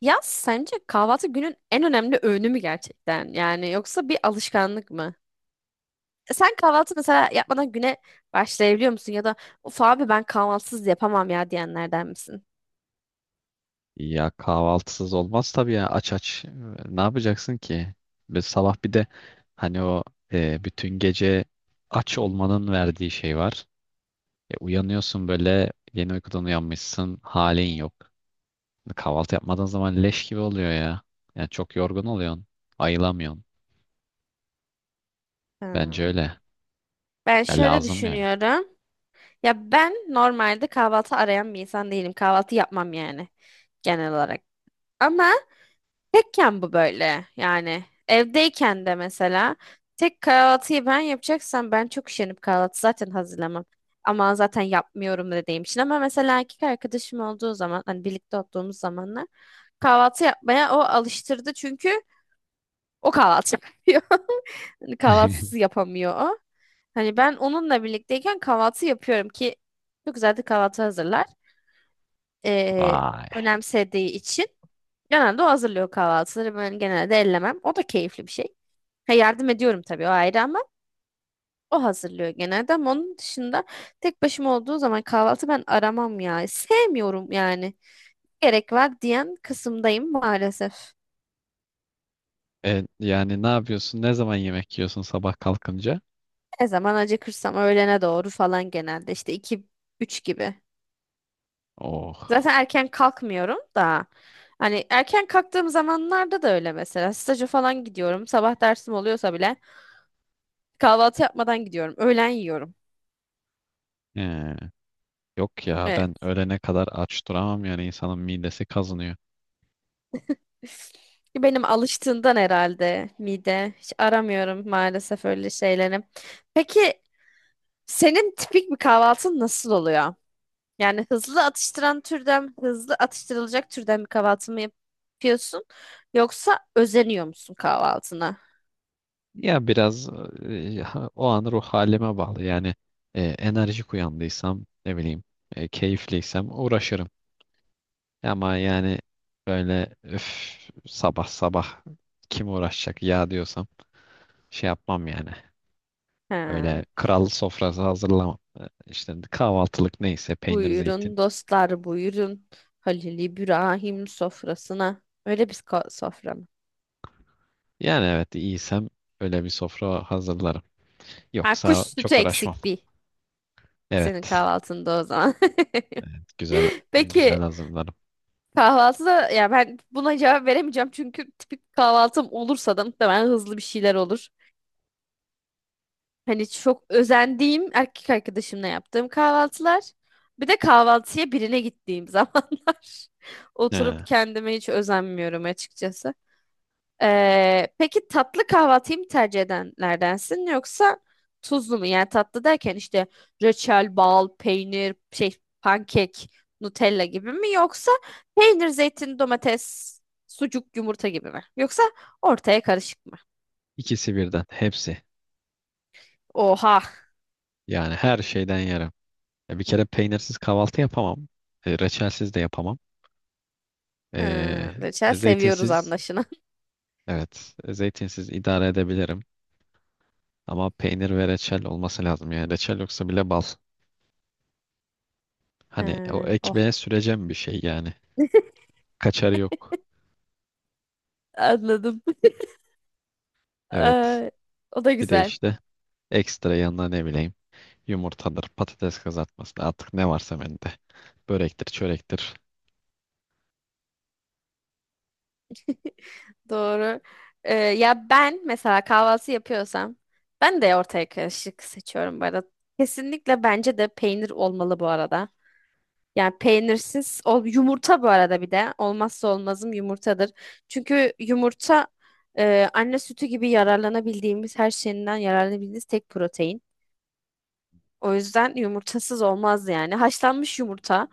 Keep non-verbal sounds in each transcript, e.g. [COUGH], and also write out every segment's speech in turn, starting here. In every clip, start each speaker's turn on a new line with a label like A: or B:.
A: Ya sence kahvaltı günün en önemli öğünü mü gerçekten? Yani yoksa bir alışkanlık mı? Sen kahvaltı mesela yapmadan güne başlayabiliyor musun? Ya da of abi ben kahvaltısız yapamam ya diyenlerden misin?
B: Ya kahvaltısız olmaz tabii ya aç aç. Ne yapacaksın ki? Ve sabah bir de hani o bütün gece aç olmanın verdiği şey var. Uyanıyorsun böyle, yeni uykudan uyanmışsın, halin yok. Kahvaltı yapmadığın zaman leş gibi oluyor ya. Yani çok yorgun oluyorsun. Ayılamıyorsun. Bence
A: Ha.
B: öyle.
A: Ben
B: Ya
A: şöyle
B: lazım yani.
A: düşünüyorum. Ya ben normalde kahvaltı arayan bir insan değilim. Kahvaltı yapmam yani genel olarak. Ama Tekken bu böyle yani evdeyken de mesela tek kahvaltıyı ben yapacaksam ben çok üşenip kahvaltı zaten hazırlamam. Ama zaten yapmıyorum dediğim için, ama mesela erkek arkadaşım olduğu zaman, hani birlikte olduğumuz zamanlar, kahvaltı yapmaya o alıştırdı çünkü o kahvaltı [LAUGHS] yapıyor. Hani kahvaltısız
B: [LAUGHS]
A: yapamıyor o. Hani ben onunla birlikteyken kahvaltı yapıyorum ki çok güzel de kahvaltı hazırlar. Ee,
B: Vay.
A: Önemsediği için. Genelde o hazırlıyor kahvaltıları. Ben genelde ellemem. O da keyifli bir şey. Ha, yardım ediyorum tabii, o ayrı, ama o hazırlıyor genelde. Ama onun dışında tek başıma olduğu zaman kahvaltı ben aramam ya. Sevmiyorum yani. Gerek var diyen kısımdayım maalesef.
B: Yani ne yapıyorsun? Ne zaman yemek yiyorsun sabah kalkınca?
A: Ne zaman acıkırsam, öğlene doğru falan, genelde işte iki üç gibi.
B: Oh.
A: Zaten erken kalkmıyorum da. Hani erken kalktığım zamanlarda da öyle mesela. Staja falan gidiyorum. Sabah dersim oluyorsa bile kahvaltı yapmadan gidiyorum. Öğlen yiyorum.
B: He. Yok ya, ben öğlene kadar aç duramam, yani insanın midesi kazınıyor.
A: Benim alıştığından herhalde mide. Hiç aramıyorum maalesef öyle şeyleri. Peki senin tipik bir kahvaltın nasıl oluyor? Yani hızlı atıştıran türden, hızlı atıştırılacak türden bir kahvaltı mı yapıyorsun? Yoksa özeniyor musun kahvaltına?
B: Ya biraz o an ruh halime bağlı. Yani enerjik uyandıysam, ne bileyim, keyifliysem uğraşırım. Ama yani böyle öf, sabah sabah kim uğraşacak ya diyorsam şey yapmam yani. Öyle
A: He.
B: kral sofrası hazırlamam. İşte kahvaltılık neyse, peynir zeytin.
A: Buyurun dostlar, buyurun. Halil İbrahim sofrasına. Sofra mı?
B: Yani evet, iyiysem öyle bir sofra hazırlarım.
A: Ha, kuş
B: Yoksa
A: sütü
B: çok uğraşmam.
A: eksik bir senin
B: Evet,
A: kahvaltında o zaman.
B: güzel
A: [LAUGHS]
B: güzel
A: Peki
B: hazırlarım.
A: kahvaltı da, ya, ben buna cevap veremeyeceğim çünkü tipik kahvaltım olursa da muhtemelen hızlı bir şeyler olur. Hani çok özendiğim, erkek arkadaşımla yaptığım kahvaltılar. Bir de kahvaltıya birine gittiğim [LAUGHS] zamanlar.
B: He,
A: Oturup kendime hiç özenmiyorum açıkçası. Peki tatlı kahvaltıyı mı tercih edenlerdensin yoksa tuzlu mu? Yani tatlı derken işte reçel, bal, peynir, şey, pankek, Nutella gibi mi, yoksa peynir, zeytin, domates, sucuk, yumurta gibi mi? Yoksa ortaya karışık mı?
B: ikisi birden, hepsi.
A: Oha.
B: Yani her şeyden yerim. Ya bir kere peynirsiz kahvaltı yapamam. Reçelsiz de yapamam.
A: Ha,
B: E,
A: reçel seviyoruz
B: zeytinsiz,
A: anlaşılan. [LAUGHS]
B: evet, zeytinsiz idare edebilirim. Ama peynir ve reçel olması lazım. Yani reçel yoksa bile bal. Hani o
A: Ha, oh,
B: ekmeğe süreceğim bir şey yani. Kaçarı yok.
A: anladım. [LAUGHS]
B: Evet.
A: Ee, O da
B: Bir de
A: güzel.
B: işte ekstra yanına ne bileyim, yumurtadır, patates kızartması artık ne varsa bende. Börektir, çörektir.
A: Doğru. Ya ben mesela kahvaltı yapıyorsam ben de ortaya karışık seçiyorum bu arada. Kesinlikle bence de peynir olmalı bu arada. Yani peynirsiz ol yumurta bu arada bir de olmazsa olmazım yumurtadır. Çünkü yumurta anne sütü gibi yararlanabildiğimiz, her şeyinden yararlanabildiğimiz tek protein. O yüzden yumurtasız olmaz yani. Haşlanmış yumurta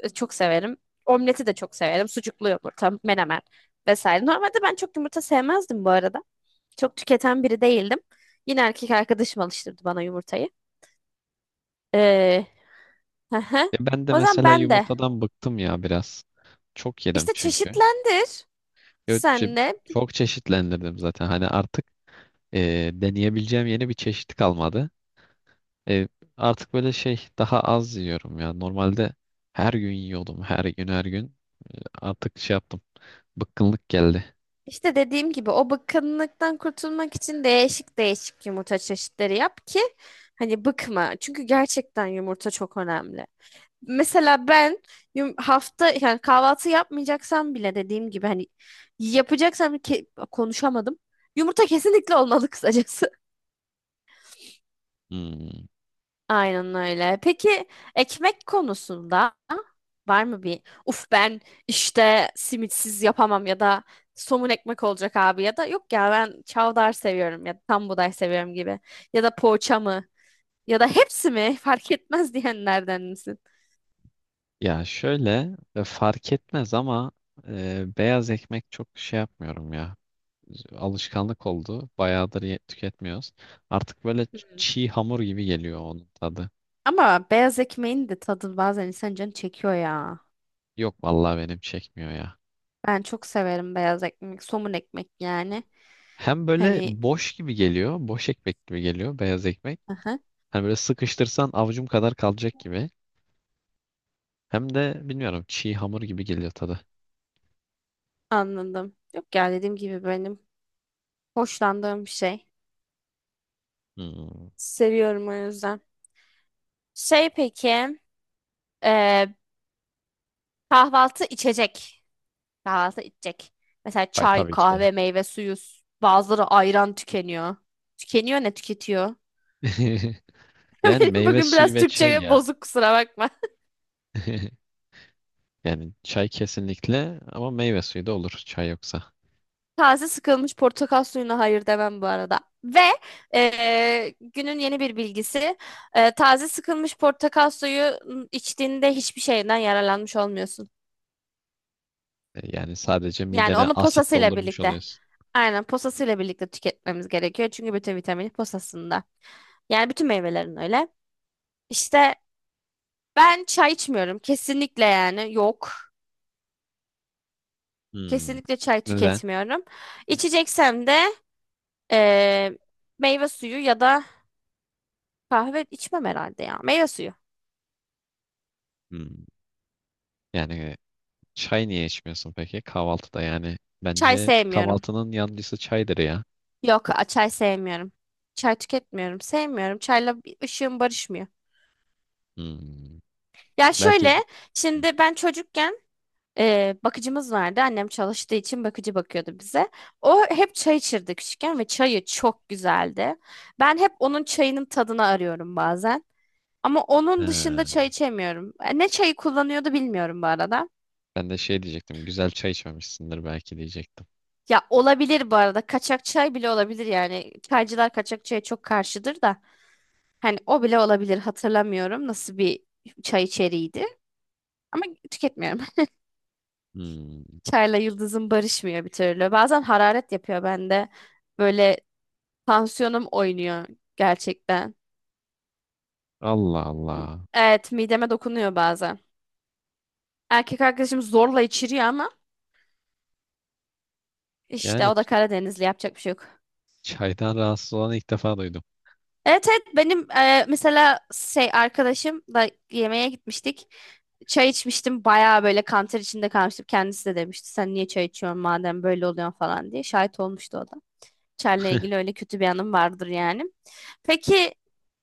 A: çok severim. Omleti de çok severim. Sucuklu yumurta, menemen vesaire. Normalde ben çok yumurta sevmezdim bu arada. Çok tüketen biri değildim. Yine erkek arkadaşım alıştırdı bana yumurtayı. Ee, [LAUGHS] hı hı.
B: Ya ben de
A: O zaman
B: mesela
A: ben de
B: yumurtadan bıktım ya biraz. Çok yedim
A: işte
B: çünkü.
A: çeşitlendir
B: Gökçe,
A: senle.
B: çok çeşitlendirdim zaten. Hani artık deneyebileceğim yeni bir çeşit kalmadı. E, Artık böyle şey, daha az yiyorum ya. Normalde her gün yiyordum. Her gün her gün. Artık şey yaptım, bıkkınlık geldi.
A: İşte dediğim gibi o bıkkınlıktan kurtulmak için değişik değişik yumurta çeşitleri yap ki hani bıkma. Çünkü gerçekten yumurta çok önemli. Mesela ben hafta yani kahvaltı yapmayacaksam bile, dediğim gibi hani yapacaksam konuşamadım. Yumurta kesinlikle olmalı kısacası.
B: Hmm.
A: [LAUGHS] Aynen öyle. Peki ekmek konusunda var mı bir uf, ben işte simitsiz yapamam ya da somun ekmek olacak abi ya da yok ya ben çavdar seviyorum ya da tam buğday seviyorum gibi ya da poğaça mı ya da hepsi mi fark etmez diyenlerden misin?
B: Ya şöyle, fark etmez ama beyaz ekmek çok şey yapmıyorum ya. Alışkanlık oldu. Bayağıdır tüketmiyoruz. Artık böyle çiğ hamur gibi geliyor onun tadı.
A: Ama beyaz ekmeğin de tadı bazen insan canı çekiyor ya.
B: Yok vallahi benim çekmiyor ya.
A: Ben çok severim beyaz ekmek, somun ekmek yani.
B: Hem böyle
A: Hani
B: boş gibi geliyor. Boş ekmek gibi geliyor beyaz ekmek.
A: aha,
B: Hani böyle sıkıştırsan avucum kadar kalacak gibi. Hem de bilmiyorum, çiğ hamur gibi geliyor tadı.
A: anladım. Yok ya, dediğim gibi, benim hoşlandığım bir şey.
B: Hmm.
A: Seviyorum o yüzden. Şey, peki, e, kahvaltı içecek. Kahvaltı içecek. Mesela
B: Ay,
A: çay,
B: tabii ki
A: kahve,
B: de.
A: meyve suyu. Bazıları ayran tükeniyor. Tükeniyor ne tüketiyor?
B: [LAUGHS]
A: [LAUGHS]
B: Yani
A: Benim
B: meyve
A: bugün
B: suyu
A: biraz
B: ve çay
A: Türkçe
B: ya.
A: bozuk, kusura bakma.
B: [LAUGHS] Yani çay kesinlikle, ama meyve suyu da olur çay yoksa.
A: Taze sıkılmış portakal suyuna hayır demem bu arada. Ve günün yeni bir bilgisi. Taze sıkılmış portakal suyu içtiğinde hiçbir şeyden yararlanmış olmuyorsun.
B: Yani sadece
A: Yani
B: midene
A: onu
B: asit
A: posasıyla
B: doldurmuş
A: birlikte.
B: oluyorsun.
A: Aynen, posasıyla birlikte tüketmemiz gerekiyor. Çünkü bütün vitamini posasında. Yani bütün meyvelerin öyle. İşte ben çay içmiyorum. Kesinlikle yani, yok.
B: Hmm.
A: Kesinlikle çay
B: Neden?
A: tüketmiyorum. İçeceksem de eee, meyve suyu ya da kahve içmem herhalde ya. Meyve suyu.
B: Hmm. Yani çay niye içmiyorsun peki kahvaltıda yani?
A: Çay
B: Bence
A: sevmiyorum.
B: kahvaltının yancısı çaydır ya.
A: Yok, a- Çay sevmiyorum. Çay tüketmiyorum. Sevmiyorum. Çayla bir ışığım barışmıyor.
B: Hmm.
A: Ya
B: Belki.
A: şöyle,
B: Hı.
A: şimdi ben çocukken bakıcımız vardı. Annem çalıştığı için bakıcı bakıyordu bize. O hep çay içirdi küçükken ve çayı çok güzeldi. Ben hep onun çayının tadını arıyorum bazen. Ama onun dışında
B: He.
A: çay içemiyorum. Ne çayı kullanıyordu bilmiyorum bu arada.
B: Ben de şey diyecektim. Güzel çay içmemişsindir belki diyecektim.
A: Ya, olabilir bu arada. Kaçak çay bile olabilir yani. Çaycılar kaçak çaya çok karşıdır da. Hani o bile olabilir, hatırlamıyorum nasıl bir çay içeriğiydi. Ama tüketmiyorum.
B: Hmm.
A: [LAUGHS] Çayla yıldızım barışmıyor bir türlü. Bazen hararet yapıyor bende. Böyle tansiyonum oynuyor gerçekten.
B: Allah Allah.
A: Evet, mideme dokunuyor bazen. Erkek arkadaşım zorla içiriyor ama
B: Yani
A: işte o da Karadenizli, yapacak bir şey yok.
B: çaydan rahatsız olanı ilk defa duydum.
A: Evet evet, benim mesela şey arkadaşım da yemeğe gitmiştik. Çay içmiştim, bayağı böyle kanter içinde kalmıştım. Kendisi de demişti sen niye çay içiyorsun madem böyle oluyorsun falan diye. Şahit olmuştu o da. Çer'le ilgili
B: [LAUGHS]
A: öyle kötü bir anım vardır yani. Peki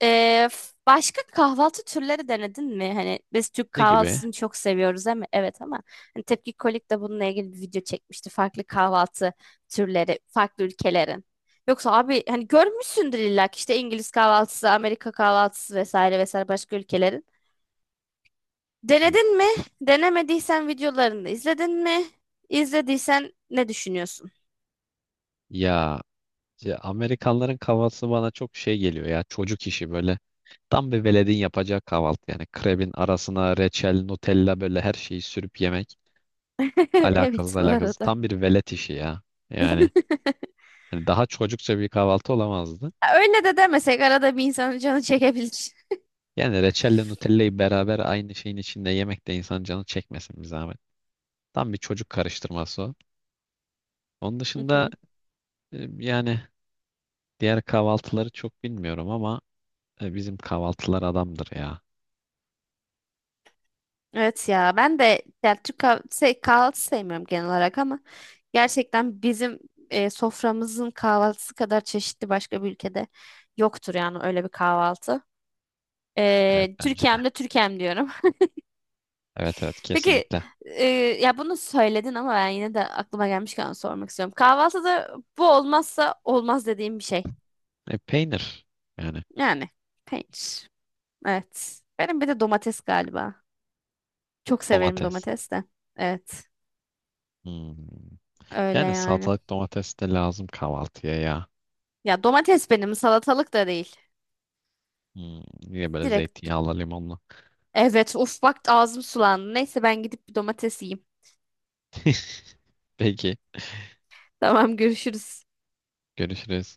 A: başka kahvaltı türleri denedin mi? Hani biz Türk
B: Ne gibi?
A: kahvaltısını çok seviyoruz ama evet ama hani Tepki Kolik de bununla ilgili bir video çekmişti. Farklı kahvaltı türleri, farklı ülkelerin. Yoksa abi hani görmüşsündür illa ki, işte İngiliz kahvaltısı, Amerika kahvaltısı vesaire vesaire, başka ülkelerin.
B: Hı.
A: Denedin mi? Denemediysen videolarını izledin mi? İzlediysen ne düşünüyorsun?
B: Ya, ya Amerikanların kahvaltısı bana çok şey geliyor ya. Çocuk işi böyle. Tam bir veledin yapacağı kahvaltı yani. Krebin arasına reçel, Nutella, böyle her şeyi sürüp yemek.
A: [LAUGHS]
B: Alakasız
A: Evet bu
B: alakasız.
A: arada.
B: Tam bir velet işi ya. Yani
A: [LAUGHS]
B: hani daha çocukça bir kahvaltı olamazdı.
A: Ya öyle de demesek, arada bir insanın canı çekebilir.
B: Yani reçelle Nutella'yı beraber aynı şeyin içinde yemek de, insan canı çekmesin bir zahmet. Tam bir çocuk karıştırması o. Onun
A: Hı
B: dışında
A: hı.
B: yani diğer kahvaltıları çok bilmiyorum, ama bizim kahvaltılar adamdır ya.
A: Evet ya, ben de ya şey, kahvaltı sevmiyorum genel olarak ama gerçekten bizim soframızın kahvaltısı kadar çeşitli başka bir ülkede yoktur yani, öyle bir kahvaltı.
B: Evet, bence de.
A: Türkiye'm de Türkiye'm diyorum.
B: Evet evet,
A: [LAUGHS] Peki
B: kesinlikle.
A: e, ya bunu söyledin ama ben yine de aklıma gelmişken sormak istiyorum. Kahvaltıda bu olmazsa olmaz dediğim bir şey.
B: Peynir yani,
A: Yani peynir. Evet. Benim bir de domates galiba. Çok severim
B: domates.
A: domates de. Evet.
B: Hmm.
A: Öyle
B: Yani
A: yani.
B: salatalık, domates de lazım kahvaltıya ya.
A: Ya domates, benim salatalık da değil.
B: Hmm. Niye, böyle
A: Direkt,
B: zeytinyağlı limonlu.
A: evet, uf bak ağzım sulandı. Neyse ben gidip bir domates yiyeyim.
B: [LAUGHS] Peki,
A: Tamam, görüşürüz.
B: görüşürüz.